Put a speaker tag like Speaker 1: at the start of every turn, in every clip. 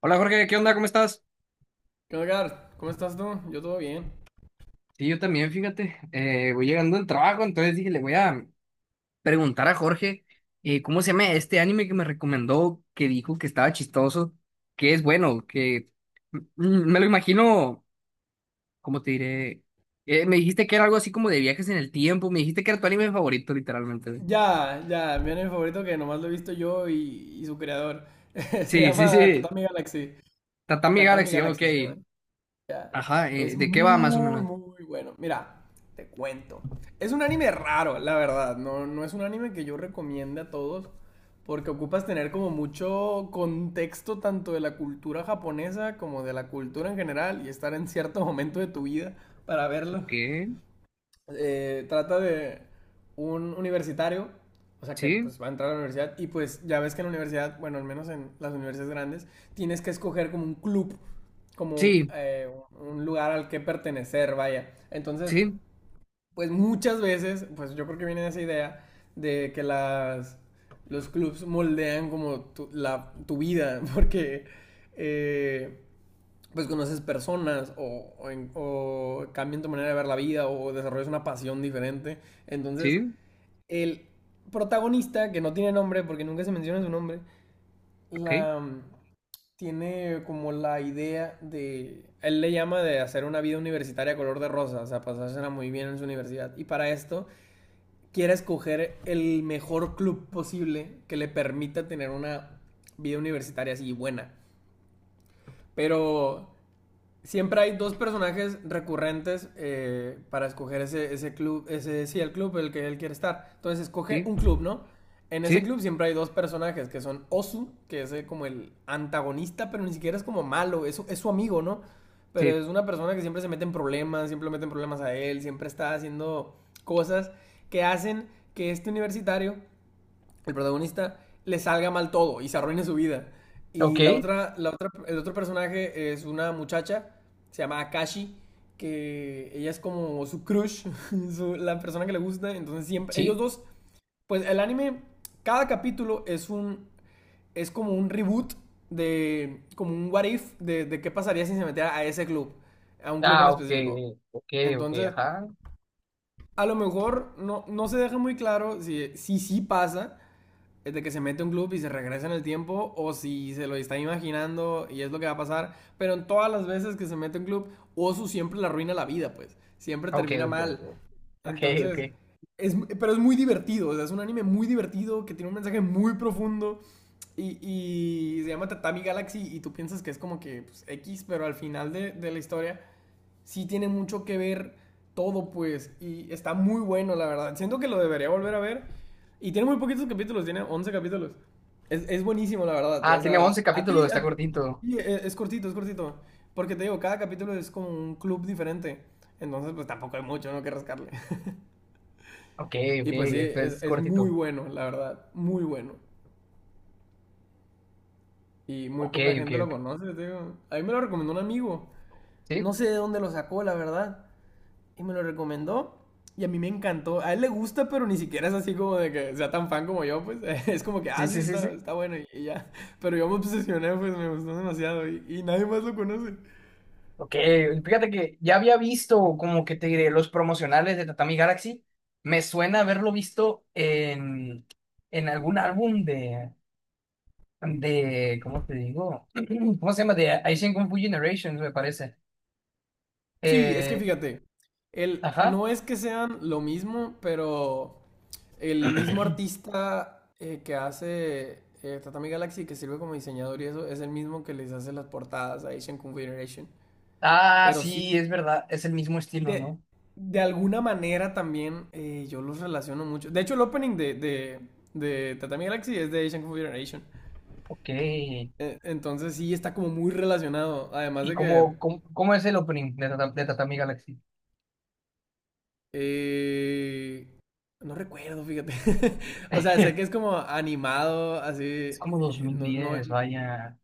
Speaker 1: Hola Jorge, ¿qué onda? ¿Cómo estás?
Speaker 2: ¿Qué onda, Gar? ¿Cómo estás tú? Yo todo bien.
Speaker 1: Sí, yo también, fíjate, voy llegando del trabajo, entonces dije, le voy a preguntar a Jorge cómo se llama este anime que me recomendó, que dijo que estaba chistoso, que es bueno, me lo imagino. ¿Cómo te diré? Me dijiste que era algo así como de viajes en el tiempo, me dijiste que era tu anime favorito, literalmente, güey.
Speaker 2: Ya, ya, mi anime favorito que nomás lo he visto yo y, su creador. Se
Speaker 1: Sí, sí,
Speaker 2: llama
Speaker 1: sí,
Speaker 2: Tatami Galaxy.
Speaker 1: Tatami
Speaker 2: Tatami
Speaker 1: Galaxy, ok.
Speaker 2: Galaxy se llama.
Speaker 1: Ajá,
Speaker 2: Es
Speaker 1: ¿de qué va más o
Speaker 2: muy,
Speaker 1: menos?
Speaker 2: muy bueno. Mira, te cuento. Es un anime raro, la verdad. No, no es un anime que yo recomiende a todos porque ocupas tener como mucho contexto tanto de la cultura japonesa como de la cultura en general y estar en cierto momento de tu vida para verlo.
Speaker 1: Ok,
Speaker 2: Trata de un universitario, o sea que
Speaker 1: sí,
Speaker 2: pues va a entrar a la universidad y pues ya ves que en la universidad, bueno, al menos en las universidades grandes, tienes que escoger como un club, como
Speaker 1: sí,
Speaker 2: un lugar al que pertenecer, vaya. Entonces,
Speaker 1: sí,
Speaker 2: pues muchas veces, pues yo creo que viene esa idea de los clubs moldean como tu vida, porque... eh, pues conoces personas o cambian tu manera de ver la vida o desarrollas una pasión diferente. Entonces,
Speaker 1: sí,
Speaker 2: el protagonista, que no tiene nombre porque nunca se menciona su nombre,
Speaker 1: ok,
Speaker 2: la, tiene como la idea de, él le llama de hacer una vida universitaria color de rosa, o sea, pasársela muy bien en su universidad. Y para esto quiere escoger el mejor club posible que le permita tener una vida universitaria así buena. Pero siempre hay dos personajes recurrentes para escoger ese club, ese sí, el club el que él quiere estar. Entonces escoge
Speaker 1: sí,
Speaker 2: un club, ¿no? En ese
Speaker 1: sí.
Speaker 2: club siempre hay dos personajes que son Osu, que es como el antagonista, pero ni siquiera es como malo, es su amigo, ¿no? Pero
Speaker 1: Sí.
Speaker 2: es una persona que siempre se mete en problemas, siempre le meten problemas a él, siempre está haciendo cosas que hacen que este universitario el protagonista le salga mal todo y se arruine su vida.
Speaker 1: Ok,
Speaker 2: Y la otra, el otro personaje es una muchacha, se llama Akashi, que ella es como su crush, la persona que le gusta. Entonces siempre, ellos
Speaker 1: sí.
Speaker 2: dos, pues el anime, cada capítulo es como un reboot de, como un what if de qué pasaría si se metiera a ese club, a un club en
Speaker 1: Ah, ok,
Speaker 2: específico.
Speaker 1: ok, ok,
Speaker 2: Entonces,
Speaker 1: ajá.
Speaker 2: a lo mejor no, no se deja muy claro si sí pasa, es de que se mete un club y se regresa en el tiempo o si se lo está imaginando y es lo que va a pasar, pero en todas las veces que se mete un club, Osu siempre le arruina la vida, pues, siempre
Speaker 1: Ok,
Speaker 2: termina
Speaker 1: ok,
Speaker 2: mal.
Speaker 1: ok. Ok, ok.
Speaker 2: Entonces, pero es muy divertido, o sea, es un anime muy divertido que tiene un mensaje muy profundo y, se llama Tatami Galaxy y tú piensas que es como que pues, X, pero al final de la historia sí tiene mucho que ver todo, pues. Y está muy bueno, la verdad. Siento que lo debería volver a ver. Y tiene muy poquitos capítulos, tiene 11 capítulos. Es buenísimo, la verdad.
Speaker 1: Ah,
Speaker 2: O
Speaker 1: tiene
Speaker 2: sea,
Speaker 1: once capítulos, está
Speaker 2: a
Speaker 1: cortito.
Speaker 2: ti, es cortito, es cortito. Porque te digo, cada capítulo es como un club diferente. Entonces, pues tampoco hay mucho, ¿no? Que rascarle.
Speaker 1: Ok, ok,
Speaker 2: Y pues sí,
Speaker 1: este es
Speaker 2: es muy
Speaker 1: cortito.
Speaker 2: bueno, la verdad. Muy bueno. Y muy
Speaker 1: Ok,
Speaker 2: poca
Speaker 1: ok,
Speaker 2: gente lo
Speaker 1: ok.
Speaker 2: conoce, te digo. A mí me lo recomendó un amigo.
Speaker 1: ¿Sí?
Speaker 2: No sé de dónde lo sacó, la verdad. Y me lo recomendó. Y a mí me encantó. A él le gusta, pero ni siquiera es así como de que sea tan fan como yo, pues. Es como que,
Speaker 1: Sí,
Speaker 2: ah, sí,
Speaker 1: sí, sí, sí.
Speaker 2: está bueno y, ya. Pero yo me obsesioné, pues me gustó demasiado y, nadie más lo conoce.
Speaker 1: Ok, fíjate que ya había visto, como que te diré, los promocionales de Tatami Galaxy. Me suena haberlo visto en algún álbum de, ¿cómo te digo? ¿Cómo se llama? De Asian Kung Fu Generations, me parece.
Speaker 2: Sí, es que
Speaker 1: Eh,
Speaker 2: fíjate,
Speaker 1: ajá.
Speaker 2: no es que sean lo mismo, pero el mismo artista que hace Tatami Galaxy, que sirve como diseñador y eso, es el mismo que les hace las portadas a Asian Confederation.
Speaker 1: Ah,
Speaker 2: Pero
Speaker 1: sí,
Speaker 2: sí,
Speaker 1: es verdad, es el mismo estilo,
Speaker 2: De,
Speaker 1: ¿no?
Speaker 2: de alguna manera también yo los relaciono mucho. De hecho, el opening de Tatami Galaxy es de Asian Kung Fu Generation.
Speaker 1: Ok.
Speaker 2: Entonces sí está como muy relacionado. Además
Speaker 1: ¿Y
Speaker 2: de que...
Speaker 1: cómo es el opening de, de Tatami Galaxy?
Speaker 2: eh, no recuerdo, fíjate. O sea, sé que es como animado, así...
Speaker 1: Es como
Speaker 2: no, no...
Speaker 1: 2010, vaya.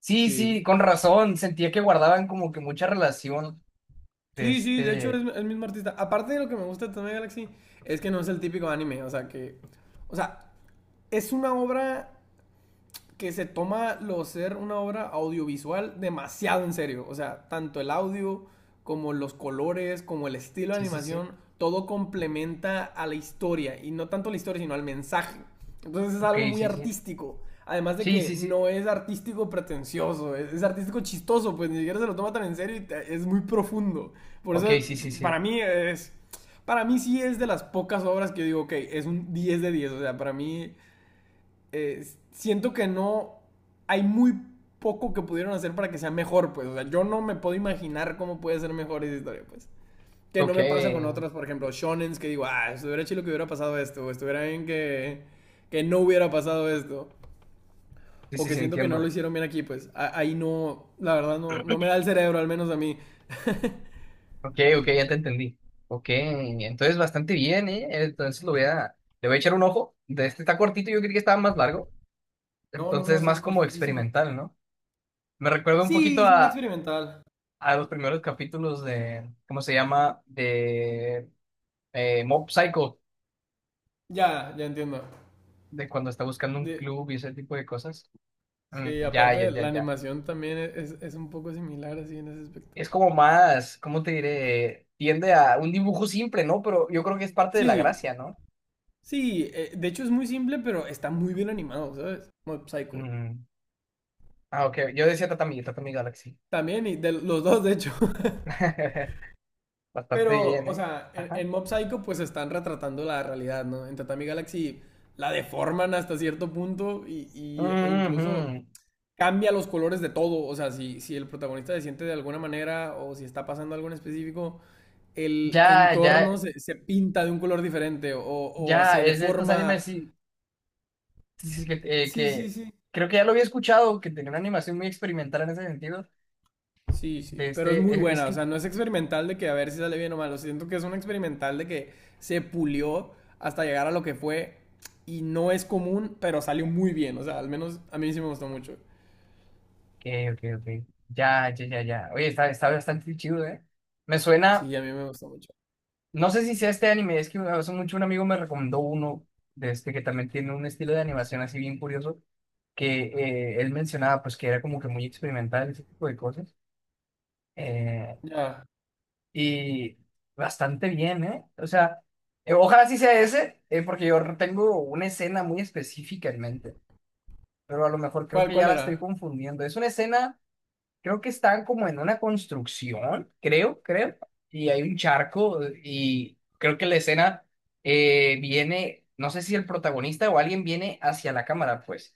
Speaker 1: Sí,
Speaker 2: Sí.
Speaker 1: sí, con razón, sentía que guardaban como que mucha relación de
Speaker 2: Sí, sí, de hecho
Speaker 1: este.
Speaker 2: es el mismo artista. Aparte de lo que me gusta de Tatami Galaxy, es que no es el típico anime. O sea, que... O sea, es una obra que se toma lo ser una obra audiovisual demasiado en serio. O sea, tanto el audio como los colores, como el estilo de
Speaker 1: Sí, sí, sí.
Speaker 2: animación, todo complementa a la historia. Y no tanto a la historia, sino al mensaje. Entonces es
Speaker 1: Ok,
Speaker 2: algo muy
Speaker 1: sí, sí.
Speaker 2: artístico. Además de
Speaker 1: Sí,
Speaker 2: que
Speaker 1: sí, sí.
Speaker 2: no es artístico pretencioso, es artístico chistoso, pues ni siquiera se lo toma tan en serio y es muy profundo. Por
Speaker 1: Ok,
Speaker 2: eso,
Speaker 1: sí, sí,
Speaker 2: para
Speaker 1: sí.
Speaker 2: mí es... Para mí sí es de las pocas obras que yo digo, ok, es un 10 de 10. O sea, para mí eh, siento que no hay muy poco que pudieron hacer para que sea mejor, pues. O sea, yo no me puedo imaginar cómo puede ser mejor esa historia, pues. Que no
Speaker 1: Ok.
Speaker 2: me pasa con otras, por ejemplo, shonens que digo, ah, estuviera chido que hubiera pasado esto, o estuviera bien que no hubiera pasado esto,
Speaker 1: Sí,
Speaker 2: o
Speaker 1: sí,
Speaker 2: que
Speaker 1: sí,
Speaker 2: siento que no lo
Speaker 1: entiendo.
Speaker 2: hicieron bien aquí, pues. Ahí no, la verdad, no, no me da el cerebro, al menos a mí.
Speaker 1: Ok, ok, ya te entendí. Ok, entonces bastante bien, ¿eh? Entonces lo voy a, le voy a echar un ojo. De este está cortito, yo creí que estaba más largo.
Speaker 2: No, no,
Speaker 1: Entonces
Speaker 2: no,
Speaker 1: es
Speaker 2: sí es
Speaker 1: más como
Speaker 2: cortísimo.
Speaker 1: experimental, ¿no? Me recuerda un poquito
Speaker 2: Sí, sí, es experimental.
Speaker 1: a los primeros capítulos de, ¿cómo se llama? De Mob Psycho,
Speaker 2: Ya, ya entiendo.
Speaker 1: de cuando está buscando un
Speaker 2: De-
Speaker 1: club y ese tipo de cosas. Mm,
Speaker 2: sí,
Speaker 1: ya, ya,
Speaker 2: aparte
Speaker 1: ya,
Speaker 2: la
Speaker 1: ya.
Speaker 2: animación también es un poco similar así en ese aspecto.
Speaker 1: Es como más, ¿cómo te diré? Tiende a un dibujo simple, ¿no? Pero yo creo que es parte de la
Speaker 2: Sí,
Speaker 1: gracia, ¿no?
Speaker 2: sí, de hecho es muy simple, pero está muy bien animado, ¿sabes? Mob Psycho.
Speaker 1: Mm. Ah, ok. Yo decía Tatami, Tatami Galaxy.
Speaker 2: También, y de los dos, de hecho.
Speaker 1: Bastante
Speaker 2: Pero,
Speaker 1: bien,
Speaker 2: o
Speaker 1: ¿eh?
Speaker 2: sea,
Speaker 1: Ajá.
Speaker 2: en Mob Psycho pues están retratando la realidad, ¿no? En Tatami Galaxy la deforman hasta cierto punto e incluso
Speaker 1: Ujú.
Speaker 2: cambia los colores de todo. O sea, si el protagonista se siente de alguna manera o si está pasando algo en específico, el
Speaker 1: Ya,
Speaker 2: entorno
Speaker 1: ya,
Speaker 2: se pinta de un color diferente o
Speaker 1: ya,
Speaker 2: se
Speaker 1: es de estos animes,
Speaker 2: deforma.
Speaker 1: sí, sí, sí, que, eh,
Speaker 2: Sí, sí,
Speaker 1: que
Speaker 2: sí.
Speaker 1: creo que ya lo había escuchado, que tenía una animación muy experimental en ese sentido.
Speaker 2: Sí, sí,
Speaker 1: De
Speaker 2: pero es muy
Speaker 1: este,
Speaker 2: buena, o sea, no es experimental de que a ver si sale bien o mal, o sea, siento que es un experimental de que se pulió hasta llegar a lo que fue y no es común, pero salió muy bien, o sea, al menos a mí sí me gustó mucho.
Speaker 1: ok, ok, ok. Ya, ya, ya, ya. Oye, está bastante chido, ¿eh? Me suena,
Speaker 2: Sí, a mí me gustó mucho.
Speaker 1: no sé si sea este anime, es que hace mucho un amigo me recomendó uno de este que también tiene un estilo de animación así bien curioso, que él mencionaba pues que era como que muy experimental, ese tipo de cosas. eh,
Speaker 2: Ya,
Speaker 1: Y bastante bien, ¿eh? O sea, ojalá sí sea ese, porque yo tengo una escena muy específica en mente, pero a lo mejor creo
Speaker 2: ¿cuál,
Speaker 1: que ya
Speaker 2: cuál
Speaker 1: la estoy
Speaker 2: era?
Speaker 1: confundiendo. Es una escena, creo que están como en una construcción, creo, creo, y hay un charco y creo que la escena viene, no sé si el protagonista o alguien viene hacia la cámara, pues,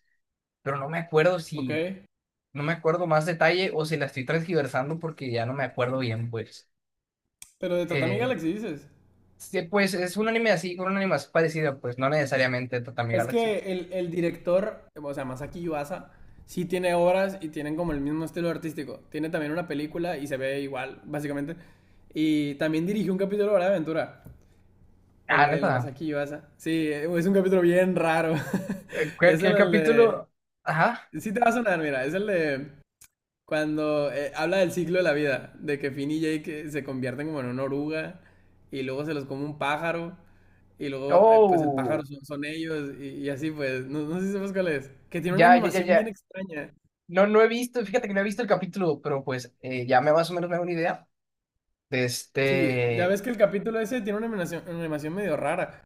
Speaker 1: pero no me acuerdo
Speaker 2: Ok,
Speaker 1: si, no me acuerdo más detalle o si la estoy transgiversando porque ya no me acuerdo bien, pues.
Speaker 2: pero de Tatami
Speaker 1: Eh,
Speaker 2: Galaxy dices.
Speaker 1: Sí, pues es un anime así, con un anime así parecido, pues no necesariamente Tatami
Speaker 2: Es
Speaker 1: Galaxy.
Speaker 2: que el director, o sea, Masaki Yuasa, sí tiene obras y tienen como el mismo estilo artístico. Tiene también una película y se ve igual, básicamente. Y también dirigió un capítulo de Hora de Aventura.
Speaker 1: Ah,
Speaker 2: El
Speaker 1: neta.
Speaker 2: Masaki Yuasa. Sí, es un capítulo bien raro.
Speaker 1: ¿Qué,
Speaker 2: Es
Speaker 1: qué
Speaker 2: el de...
Speaker 1: capítulo? Ajá.
Speaker 2: Sí te va a sonar, mira, es el de cuando habla del ciclo de la vida, de que Finn y Jake se convierten como en una oruga y luego se los come un pájaro y luego pues el pájaro
Speaker 1: Oh,
Speaker 2: son, son ellos y, así pues, no, no sé si sabes cuál es, que tiene una
Speaker 1: ya, ya, ya,
Speaker 2: animación bien
Speaker 1: ya.
Speaker 2: extraña.
Speaker 1: No, no he visto, fíjate que no he visto el capítulo, pero pues ya me más o menos me hago una idea. De
Speaker 2: Sí, ya ves
Speaker 1: este.
Speaker 2: que el capítulo ese tiene una animación medio rara,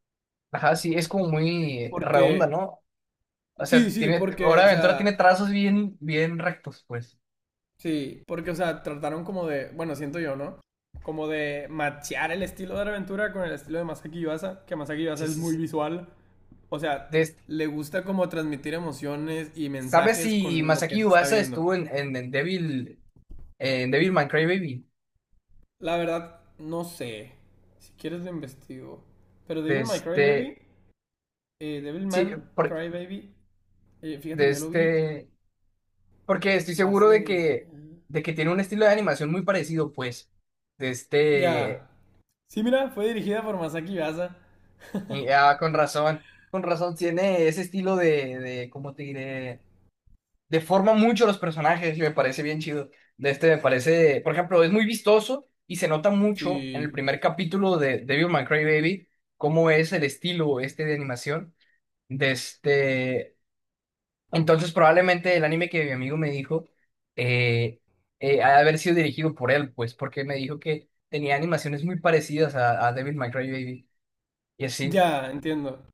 Speaker 1: Ajá, sí, es como muy redonda,
Speaker 2: porque,
Speaker 1: ¿no? O
Speaker 2: sí,
Speaker 1: sea,
Speaker 2: sí,
Speaker 1: tiene.
Speaker 2: porque,
Speaker 1: Hora
Speaker 2: o
Speaker 1: de Aventura tiene
Speaker 2: sea,
Speaker 1: trazos bien, bien rectos, pues.
Speaker 2: sí, porque, o sea, trataron como de, bueno, siento yo, ¿no? Como de machear el estilo de aventura con el estilo de Masaki Yuasa, que Masaki Yuasa
Speaker 1: Sí,
Speaker 2: es
Speaker 1: sí,
Speaker 2: muy
Speaker 1: sí.
Speaker 2: visual. O sea,
Speaker 1: De este,
Speaker 2: le gusta como transmitir emociones y
Speaker 1: ¿sabes
Speaker 2: mensajes
Speaker 1: si
Speaker 2: con lo que
Speaker 1: Masaki
Speaker 2: se está
Speaker 1: Ubasa
Speaker 2: viendo.
Speaker 1: estuvo en, en Devil, en Devilman Crybaby?
Speaker 2: La verdad, no sé. Si quieres lo investigo. Pero
Speaker 1: De
Speaker 2: Devil May Cry Baby,
Speaker 1: este.
Speaker 2: Devil Man
Speaker 1: Sí, por-
Speaker 2: Cry Baby, fíjate
Speaker 1: de
Speaker 2: que yo lo vi
Speaker 1: este, porque estoy seguro
Speaker 2: hace...
Speaker 1: de que tiene un estilo de animación muy parecido, pues, de este,
Speaker 2: Ya. Sí, mira, fue dirigida por Masaki Yuasa.
Speaker 1: y, ah, con razón tiene ese estilo de, ¿cómo te diré? Deforma mucho los personajes y me parece bien chido. De este, me parece, por ejemplo, es muy vistoso y se nota mucho en el
Speaker 2: Sí.
Speaker 1: primer capítulo de Devil May Cry Baby cómo es el estilo este de animación. De este, entonces, probablemente el anime que mi amigo me dijo eh, ha de haber sido dirigido por él, pues, porque me dijo que tenía animaciones muy parecidas a Devil May Cry Baby y así.
Speaker 2: Ya, entiendo.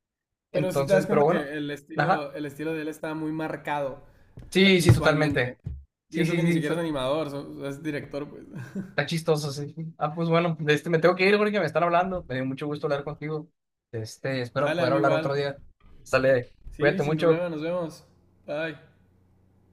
Speaker 2: Pero si te das
Speaker 1: Entonces, pero
Speaker 2: cuenta que
Speaker 1: bueno, ajá.
Speaker 2: el estilo de él está muy marcado
Speaker 1: Sí, sí,
Speaker 2: visualmente.
Speaker 1: totalmente.
Speaker 2: Y
Speaker 1: Sí,
Speaker 2: eso
Speaker 1: sí,
Speaker 2: que ni
Speaker 1: sí,
Speaker 2: siquiera
Speaker 1: so-
Speaker 2: es animador, es director, pues.
Speaker 1: está chistoso, sí. Ah, pues bueno, de este, me tengo que ir porque me están hablando. Me dio mucho gusto hablar contigo. Este, espero
Speaker 2: Dale, a
Speaker 1: poder
Speaker 2: mí
Speaker 1: hablar otro
Speaker 2: igual.
Speaker 1: día. Sale,
Speaker 2: Sí,
Speaker 1: cuídate
Speaker 2: sin
Speaker 1: mucho.
Speaker 2: problema, nos vemos. Bye.